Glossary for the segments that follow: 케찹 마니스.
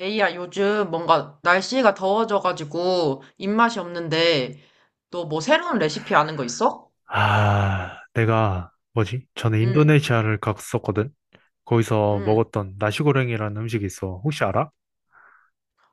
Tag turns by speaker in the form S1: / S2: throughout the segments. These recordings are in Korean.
S1: 에이야, 요즘 뭔가 날씨가 더워져가지고 입맛이 없는데, 너 뭐 새로운 레시피 아는 거 있어?
S2: 아, 내가 뭐지? 전에
S1: 응,
S2: 인도네시아를 갔었거든. 거기서
S1: 응.
S2: 먹었던 나시고랭이라는 음식이 있어. 혹시 알아?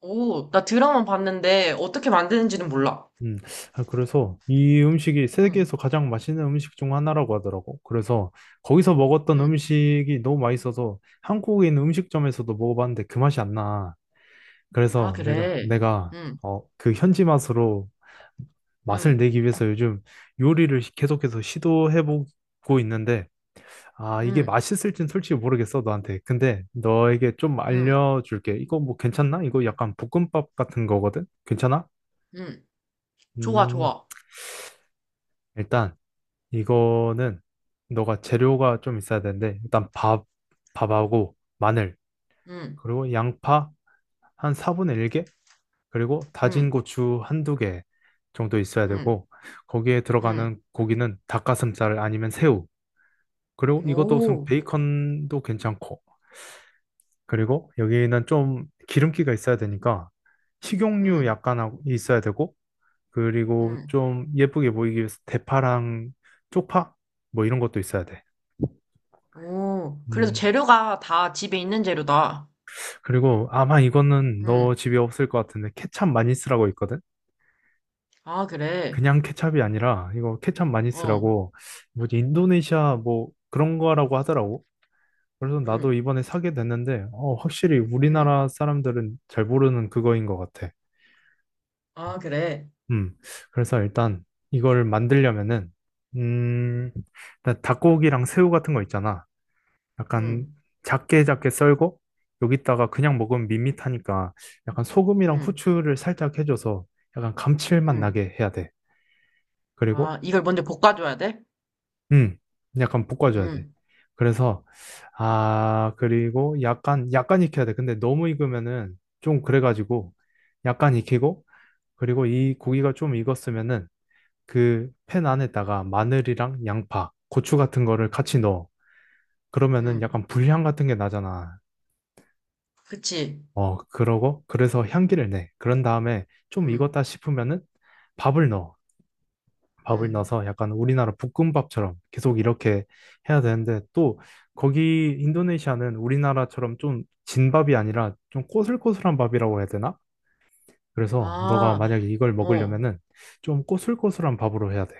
S1: 오, 나 드라마 봤는데 어떻게 만드는지는 몰라.
S2: 음, 아, 그래서 이 음식이
S1: 응,
S2: 세계에서 가장 맛있는 음식 중 하나라고 하더라고. 그래서 거기서 먹었던
S1: 응.
S2: 음식이 너무 맛있어서 한국인 음식점에서도 먹어봤는데 그 맛이 안 나.
S1: 아,
S2: 그래서 내가
S1: 그래.
S2: 내가
S1: 응,
S2: 어, 그 현지 맛으로 맛을
S1: 응,
S2: 내기 위해서 요즘 요리를 계속해서 시도해보고 있는데 아, 이게
S1: 응,
S2: 맛있을진 솔직히 모르겠어, 너한테. 근데 너에게 좀
S1: 응,
S2: 알려줄게. 이거 뭐 괜찮나? 이거
S1: 응.
S2: 약간 볶음밥 같은 거거든? 괜찮아?
S1: 응. 좋아,
S2: 음,
S1: 좋아.
S2: 일단 이거는 너가 재료가 좀 있어야 되는데, 일단 밥, 밥하고 마늘,
S1: 응,
S2: 그리고 양파 한 4분의 1개, 그리고 다진
S1: 응,
S2: 고추 한두 개 정도 있어야
S1: 응,
S2: 되고, 거기에
S1: 응.
S2: 들어가는 고기는 닭가슴살 아니면 새우, 그리고 이것도 무슨
S1: 오,
S2: 베이컨도 괜찮고, 그리고 여기는 좀 기름기가 있어야 되니까 식용유
S1: 응,
S2: 약간 하고- 있어야 되고 그리고
S1: 응.
S2: 좀 예쁘게 보이기 위해서 대파랑 쪽파 뭐 이런 것도 있어야 돼.
S1: 오. 그래서
S2: 음,
S1: 재료가 다 집에 있는 재료다.
S2: 그리고 아마 이거는
S1: 응.
S2: 너 집에 없을 것 같은데 케찹 많이 쓰라고 있거든?
S1: 아, 그래.
S2: 그냥 케찹이 아니라 이거 케찹 많이
S1: 어,
S2: 쓰라고 뭐지 인도네시아 뭐 그런 거라고 하더라고. 그래서 나도
S1: 응,
S2: 이번에 사게 됐는데 어, 확실히
S1: 응.
S2: 우리나라 사람들은 잘 모르는 그거인 것 같아.
S1: 아, 그래.
S2: 음, 그래서 일단 이걸 만들려면은, 음, 일단 닭고기랑 새우 같은 거 있잖아. 약간
S1: 응,
S2: 작게 작게 썰고, 여기다가 그냥 먹으면 밋밋하니까 약간 소금이랑
S1: 응,
S2: 후추를 살짝 해줘서 약간 감칠맛
S1: 응.
S2: 나게 해야 돼. 그리고,
S1: 아, 이걸 먼저 볶아줘야 돼?
S2: 음, 약간 볶아줘야 돼.
S1: 응,
S2: 그래서, 아, 그리고 약간, 약간 익혀야 돼. 근데 너무 익으면은 좀 그래가지고, 약간 익히고, 그리고 이 고기가 좀 익었으면은 그 팬 안에다가 마늘이랑 양파, 고추 같은 거를 같이 넣어. 그러면은
S1: 응.
S2: 약간 불향 같은 게 나잖아.
S1: 그치.
S2: 어, 그러고 그래서 향기를 내. 그런 다음에 좀
S1: 응,
S2: 익었다 싶으면은 밥을 넣어. 밥을
S1: 응.
S2: 넣어서 약간 우리나라 볶음밥처럼 계속 이렇게 해야 되는데 또 거기 인도네시아는 우리나라처럼 좀 진밥이 아니라 좀 꼬슬꼬슬한 밥이라고 해야 되나? 그래서 너가
S1: 아,
S2: 만약에 이걸
S1: 어.
S2: 먹으려면은 좀 꼬슬꼬슬한 밥으로 해야 돼.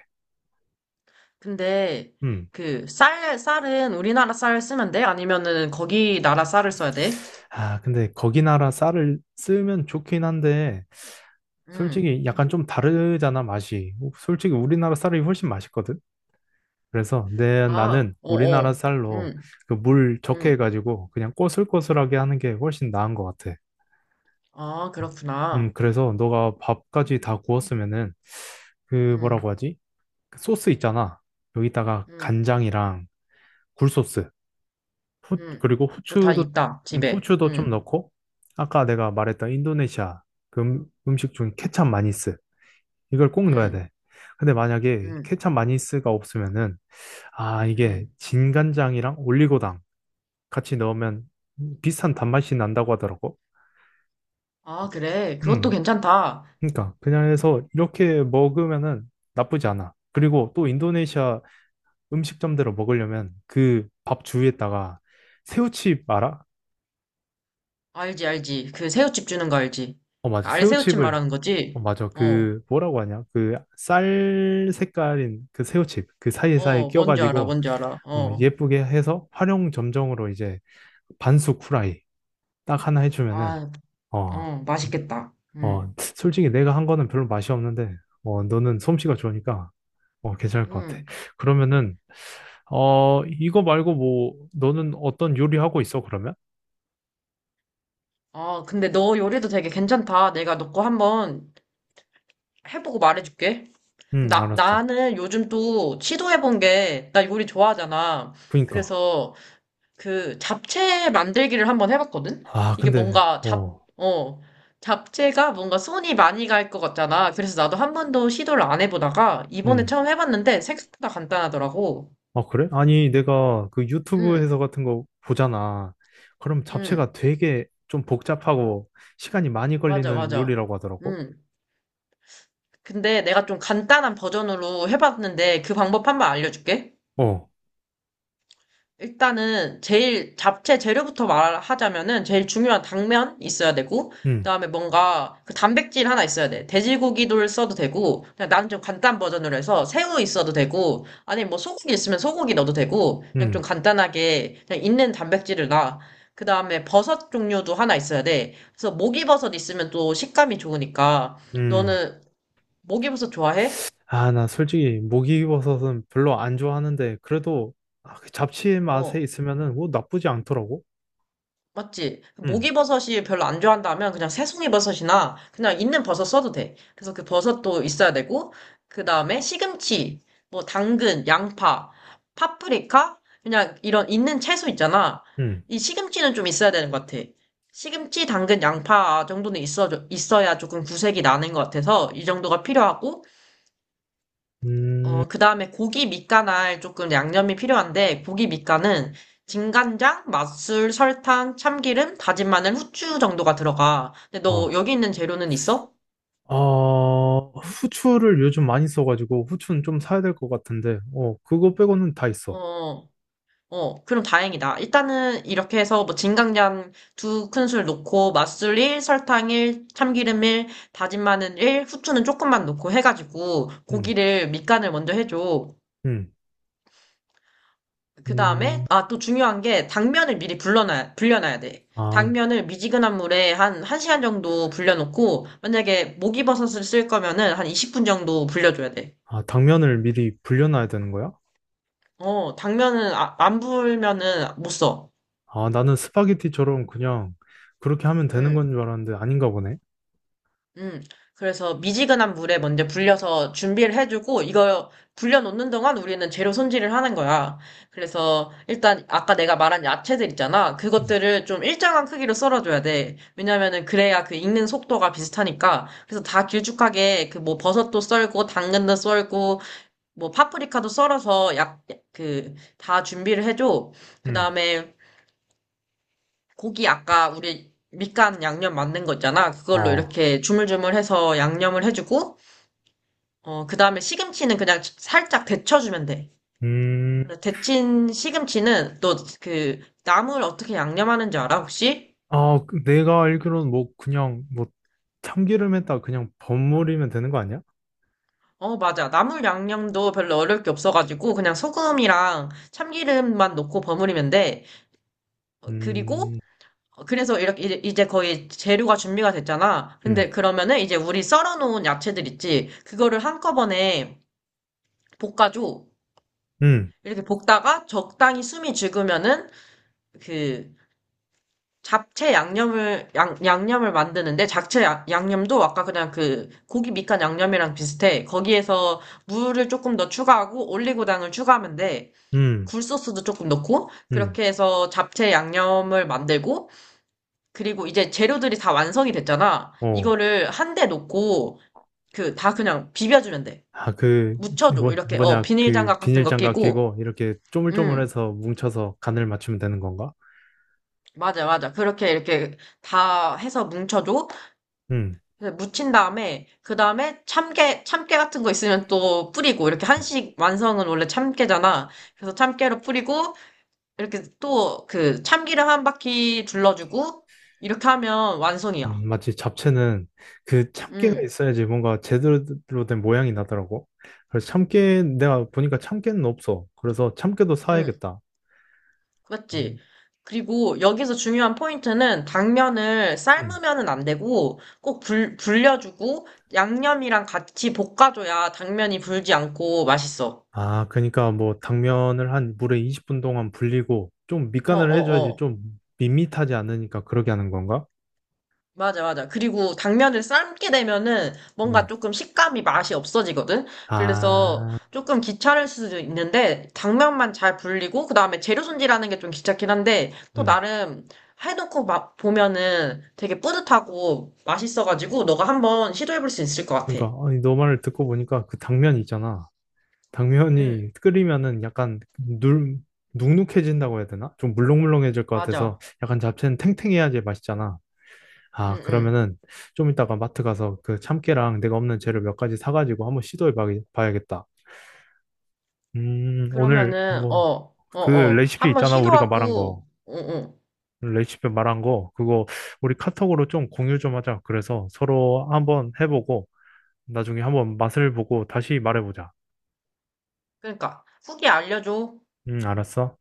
S1: 근데,
S2: 음.
S1: 그, 쌀은 우리나라 쌀 쓰면 돼? 아니면은 거기 나라 쌀을 써야 돼?
S2: 아, 근데 거기 나라 쌀을 쓰면 좋긴 한데,
S1: 응.
S2: 솔직히 약간 좀 다르잖아, 맛이. 솔직히 우리나라 쌀이 훨씬 맛있거든? 그래서 내,
S1: 아,
S2: 나는 우리나라
S1: 어어.
S2: 쌀로
S1: 응,
S2: 그 물 적게
S1: 응.
S2: 해가지고 그냥 꼬슬꼬슬하게 하는 게 훨씬 나은 것 같아.
S1: 아, 그렇구나.
S2: 그래서 너가 밥까지 다 구웠으면은, 그
S1: 응,
S2: 뭐라고 하지? 그 소스 있잖아. 여기다가
S1: 응,
S2: 간장이랑 굴소스. 후,
S1: 응.
S2: 그리고
S1: 그거 다
S2: 후추도,
S1: 있다, 집에.
S2: 후추도 좀
S1: 응,
S2: 넣고, 아까 내가 말했던 인도네시아 그 음식 중 케찹 마니스, 이걸 꼭 넣어야
S1: 응,
S2: 돼. 근데 만약에
S1: 응,
S2: 케찹 마니스가 없으면은, 아, 이게
S1: 응.
S2: 진간장이랑 올리고당 같이 넣으면 비슷한 단맛이 난다고 하더라고.
S1: 아, 그래. 그것도
S2: 음,
S1: 괜찮다.
S2: 그러니까 그냥 해서 이렇게 먹으면은 나쁘지 않아. 그리고 또 인도네시아 음식점대로 먹으려면 그 밥 주위에다가 새우칩 알아?
S1: 알지, 알지. 그 새우칩 주는 거 알지?
S2: 어,
S1: 그
S2: 맞아.
S1: 알새우칩
S2: 새우칩을
S1: 말하는
S2: 어,
S1: 거지?
S2: 맞아.
S1: 어,
S2: 그, 뭐라고 하냐. 그, 쌀 색깔인 그 새우칩, 그 사이사이
S1: 어,
S2: 끼가
S1: 뭔지
S2: 지
S1: 알아,
S2: 고
S1: 뭔지 알아.
S2: 어,
S1: 어,
S2: 예쁘게 해서 활용 점정으로 이제 반숙 후라이 딱 하나 해주면은,
S1: 아,
S2: 어,
S1: 어, 맛있겠다.
S2: 어, 솔직히 내가 한 거는 별로 맛이 없는데, 어, 너는 솜씨가 좋으니까, 어, 괜찮을 것 같아.
S1: 음.
S2: 그러면은, 어, 이거 말고 뭐, 너는 어떤 요리 하고 있어, 그러면?
S1: 아, 근데 너 요리도 되게 괜찮다. 내가 너 거 한번 해보고 말해줄게.
S2: 응,
S1: 나,
S2: 알았어.
S1: 나는 요즘 또 시도해본 게, 나 요리 좋아하잖아.
S2: 그니까.
S1: 그래서 그 잡채 만들기를 한번 해봤거든?
S2: 아,
S1: 이게
S2: 근데,
S1: 뭔가
S2: 어,
S1: 잡채가 뭔가 손이 많이 갈 것 같잖아. 그래서 나도 한 번도 시도를 안 해보다가 이번에
S2: 음
S1: 처음 해봤는데 생각보다 간단하더라고.
S2: 아, 그래? 아니, 내가 그 유튜브
S1: 응,
S2: 해설 같은 거 보잖아. 그럼
S1: 응,
S2: 잡채가 되게 좀 복잡하고 시간이 많이
S1: 맞아,
S2: 걸리는
S1: 맞아.
S2: 요리라고 하더라고.
S1: 응. 근데 내가 좀 간단한 버전으로 해봤는데 그 방법 한 번 알려줄게.
S2: 어,
S1: 일단은 제일 잡채 재료부터 말하자면은 제일 중요한 당면 있어야 되고,
S2: 응,
S1: 그다음에 뭔가 그 단백질 하나 있어야 돼. 돼지고기를 써도 되고 그냥 나는 좀 간단 버전으로 해서 새우 있어도 되고 아니면 뭐 소고기 있으면 소고기 넣어도 되고 그냥 좀
S2: 응,
S1: 간단하게 그냥 있는 단백질을 놔. 그다음에 버섯 종류도 하나 있어야 돼. 그래서 목이버섯 있으면 또 식감이 좋으니까
S2: 응
S1: 너는 목이버섯 좋아해?
S2: 아, 나 솔직히 목이버섯은 별로 안 좋아하는데, 그래도 아, 그 잡채 맛에
S1: 어.
S2: 있으면은 뭐 나쁘지 않더라고.
S1: 맞지?
S2: 응,
S1: 목이버섯이 별로 안 좋아한다면 그냥 새송이버섯이나 그냥 있는 버섯 써도 돼. 그래서 그 버섯도 있어야 되고, 그 다음에 시금치, 뭐 당근, 양파, 파프리카, 그냥 이런 있는 채소 있잖아.
S2: 응,
S1: 이 시금치는 좀 있어야 되는 것 같아. 시금치, 당근, 양파 정도는 있어, 있어야 조금 구색이 나는 것 같아서 이 정도가 필요하고,
S2: 음,
S1: 어, 그다음에 고기 밑간할 조금 양념이 필요한데, 고기 밑간은 진간장, 맛술, 설탕, 참기름, 다진 마늘, 후추 정도가 들어가. 근데 너
S2: 어.
S1: 여기 있는 재료는 있어?
S2: 어, 후추를 요즘 많이 써가지고 후추는 좀 사야 될 것 같은데, 어, 그거 빼고는 다 있어.
S1: 어, 어, 그럼 다행이다. 일단은 이렇게 해서 뭐 진간장 두 큰술 넣고 맛술 1, 설탕 1, 참기름 1, 다진 마늘 1, 후추는 조금만 넣고 해가지고
S2: 응,
S1: 고기를 밑간을 먼저 해줘.
S2: 응,
S1: 그 다음에,
S2: 음.
S1: 아, 또 중요한 게, 불려놔야 돼.
S2: 아,
S1: 당면을 미지근한 물에 한, 1시간 정도 불려놓고, 만약에 목이버섯을 쓸 거면은 한 20분 정도 불려줘야 돼.
S2: 아, 당면을 미리 불려놔야 되는 거야?
S1: 어, 당면은, 안 불면은 못 써.
S2: 아, 나는 스파게티처럼 그냥 그렇게 하면 되는
S1: 음.
S2: 건 줄 알았는데 아닌가 보네.
S1: 음, 그래서 미지근한 물에 먼저 불려서 준비를 해주고, 이거 불려놓는 동안 우리는 재료 손질을 하는 거야. 그래서 일단 아까 내가 말한 야채들 있잖아.
S2: 음,
S1: 그것들을 좀 일정한 크기로 썰어줘야 돼. 왜냐면은 그래야 그 익는 속도가 비슷하니까. 그래서 다 길쭉하게 그 뭐 버섯도 썰고, 당근도 썰고, 뭐 파프리카도 썰어서 약, 그, 다 준비를 해줘. 그
S2: 음,
S1: 다음에 고기 아까 우리 밑간 양념 만든 거 있잖아. 그걸로
S2: 어,
S1: 이렇게 주물주물해서 양념을 해주고, 어, 그 다음에 시금치는 그냥 살짝 데쳐주면 돼.
S2: 음,
S1: 근데 데친 시금치는 너 그 나물 어떻게 양념하는지 알아, 혹시?
S2: 아, 그 내가 알기로는 뭐 그냥 뭐 참기름에다 그냥 버무리면 되는 거 아니야?
S1: 어, 맞아. 나물 양념도 별로 어려울 게 없어가지고 그냥 소금이랑 참기름만 넣고 버무리면 돼. 어, 그리고
S2: 음,
S1: 어, 그래서 이렇게 이제 거의 재료가 준비가 됐잖아. 근데
S2: 음,
S1: 그러면은 이제 우리 썰어놓은 야채들 있지? 그거를 한꺼번에 볶아줘.
S2: 음,
S1: 이렇게 볶다가 적당히 숨이 죽으면은 그 잡채 양념을 만드는데, 잡채 양념도 아까 그냥 그 고기 밑간 양념이랑 비슷해. 거기에서 물을 조금 더 추가하고 올리고당을 추가하면 돼.
S2: 음,
S1: 굴소스도 조금 넣고
S2: 음,
S1: 그렇게 해서 잡채 양념을 만들고, 그리고 이제 재료들이 다 완성이 됐잖아.
S2: 어.
S1: 이거를 한 대 놓고 그 다 그냥 비벼주면 돼.
S2: 아, 그,
S1: 묻혀줘.
S2: 뭐,
S1: 이렇게 어
S2: 뭐냐, 그
S1: 비닐장갑 같은 거
S2: 비닐장갑
S1: 끼고,
S2: 끼고 이렇게
S1: 음,
S2: 쪼물쪼물해서 뭉쳐서 간을 맞추면 되는 건가?
S1: 맞아 맞아, 그렇게 이렇게 다 해서 뭉쳐줘.
S2: 음.
S1: 그래서 묻힌 다음에 그 다음에 참깨 같은 거 있으면 또 뿌리고, 이렇게 한식 완성은 원래 참깨잖아. 그래서 참깨로 뿌리고 이렇게 또 그 참기름 한 바퀴 둘러주고 이렇게 하면 완성이야.
S2: 마치 잡채는 그 참깨가
S1: 음,
S2: 있어야지 뭔가 제대로 된 모양이 나더라고. 그래서 참깨, 내가 보니까 참깨는 없어. 그래서 참깨도
S1: 음,
S2: 사야겠다. 음.
S1: 맞지? 그리고 여기서 중요한 포인트는 당면을
S2: 음.
S1: 삶으면은 안 되고 꼭 불려주고, 양념이랑 같이 볶아줘야 당면이 불지 않고 맛있어.
S2: 아, 그러니까 뭐 당면을 한 물에 20분 동안 불리고 좀
S1: 어,
S2: 밑간을 해줘야지
S1: 어, 어.
S2: 좀 밋밋하지 않으니까 그러게 하는 건가?
S1: 맞아, 맞아. 그리고 당면을 삶게 되면은 뭔가
S2: 음.
S1: 조금 식감이 맛이 없어지거든? 그래서
S2: 아,
S1: 조금 귀찮을 수도 있는데, 당면만 잘 불리고, 그 다음에 재료 손질하는 게 좀 귀찮긴 한데, 또
S2: 음.
S1: 나름 해놓고 막 보면은 되게 뿌듯하고 맛있어가지고, 너가 한번 시도해볼 수 있을 것 같아.
S2: 그러니까 아니, 너 말을 듣고 보니까 그 당면 있잖아.
S1: 응,
S2: 당면이 끓이면은 약간 눅눅해진다고 해야 되나? 좀 물렁물렁해질 것 같아서
S1: 맞아.
S2: 약간 잡채는 탱탱해야지 맛있잖아.
S1: 응,
S2: 아,
S1: 응.
S2: 그러면은 좀 이따가 마트 가서 그 참깨랑 내가 없는 재료 몇 가지 사가지고 봐야겠다. 오늘
S1: 그러면은,
S2: 뭐
S1: 어, 어,
S2: 그
S1: 어.
S2: 레시피
S1: 한번
S2: 있잖아. 우리가 말한 거.
S1: 시도하고, 응, 응.
S2: 레시피 말한 거 그거 우리 카톡으로 좀 공유 좀 하자. 그래서 서로 한번 해보고 나중에 한번 맛을 보고 다시 말해보자.
S1: 그러니까, 후기 알려줘.
S2: 알았어.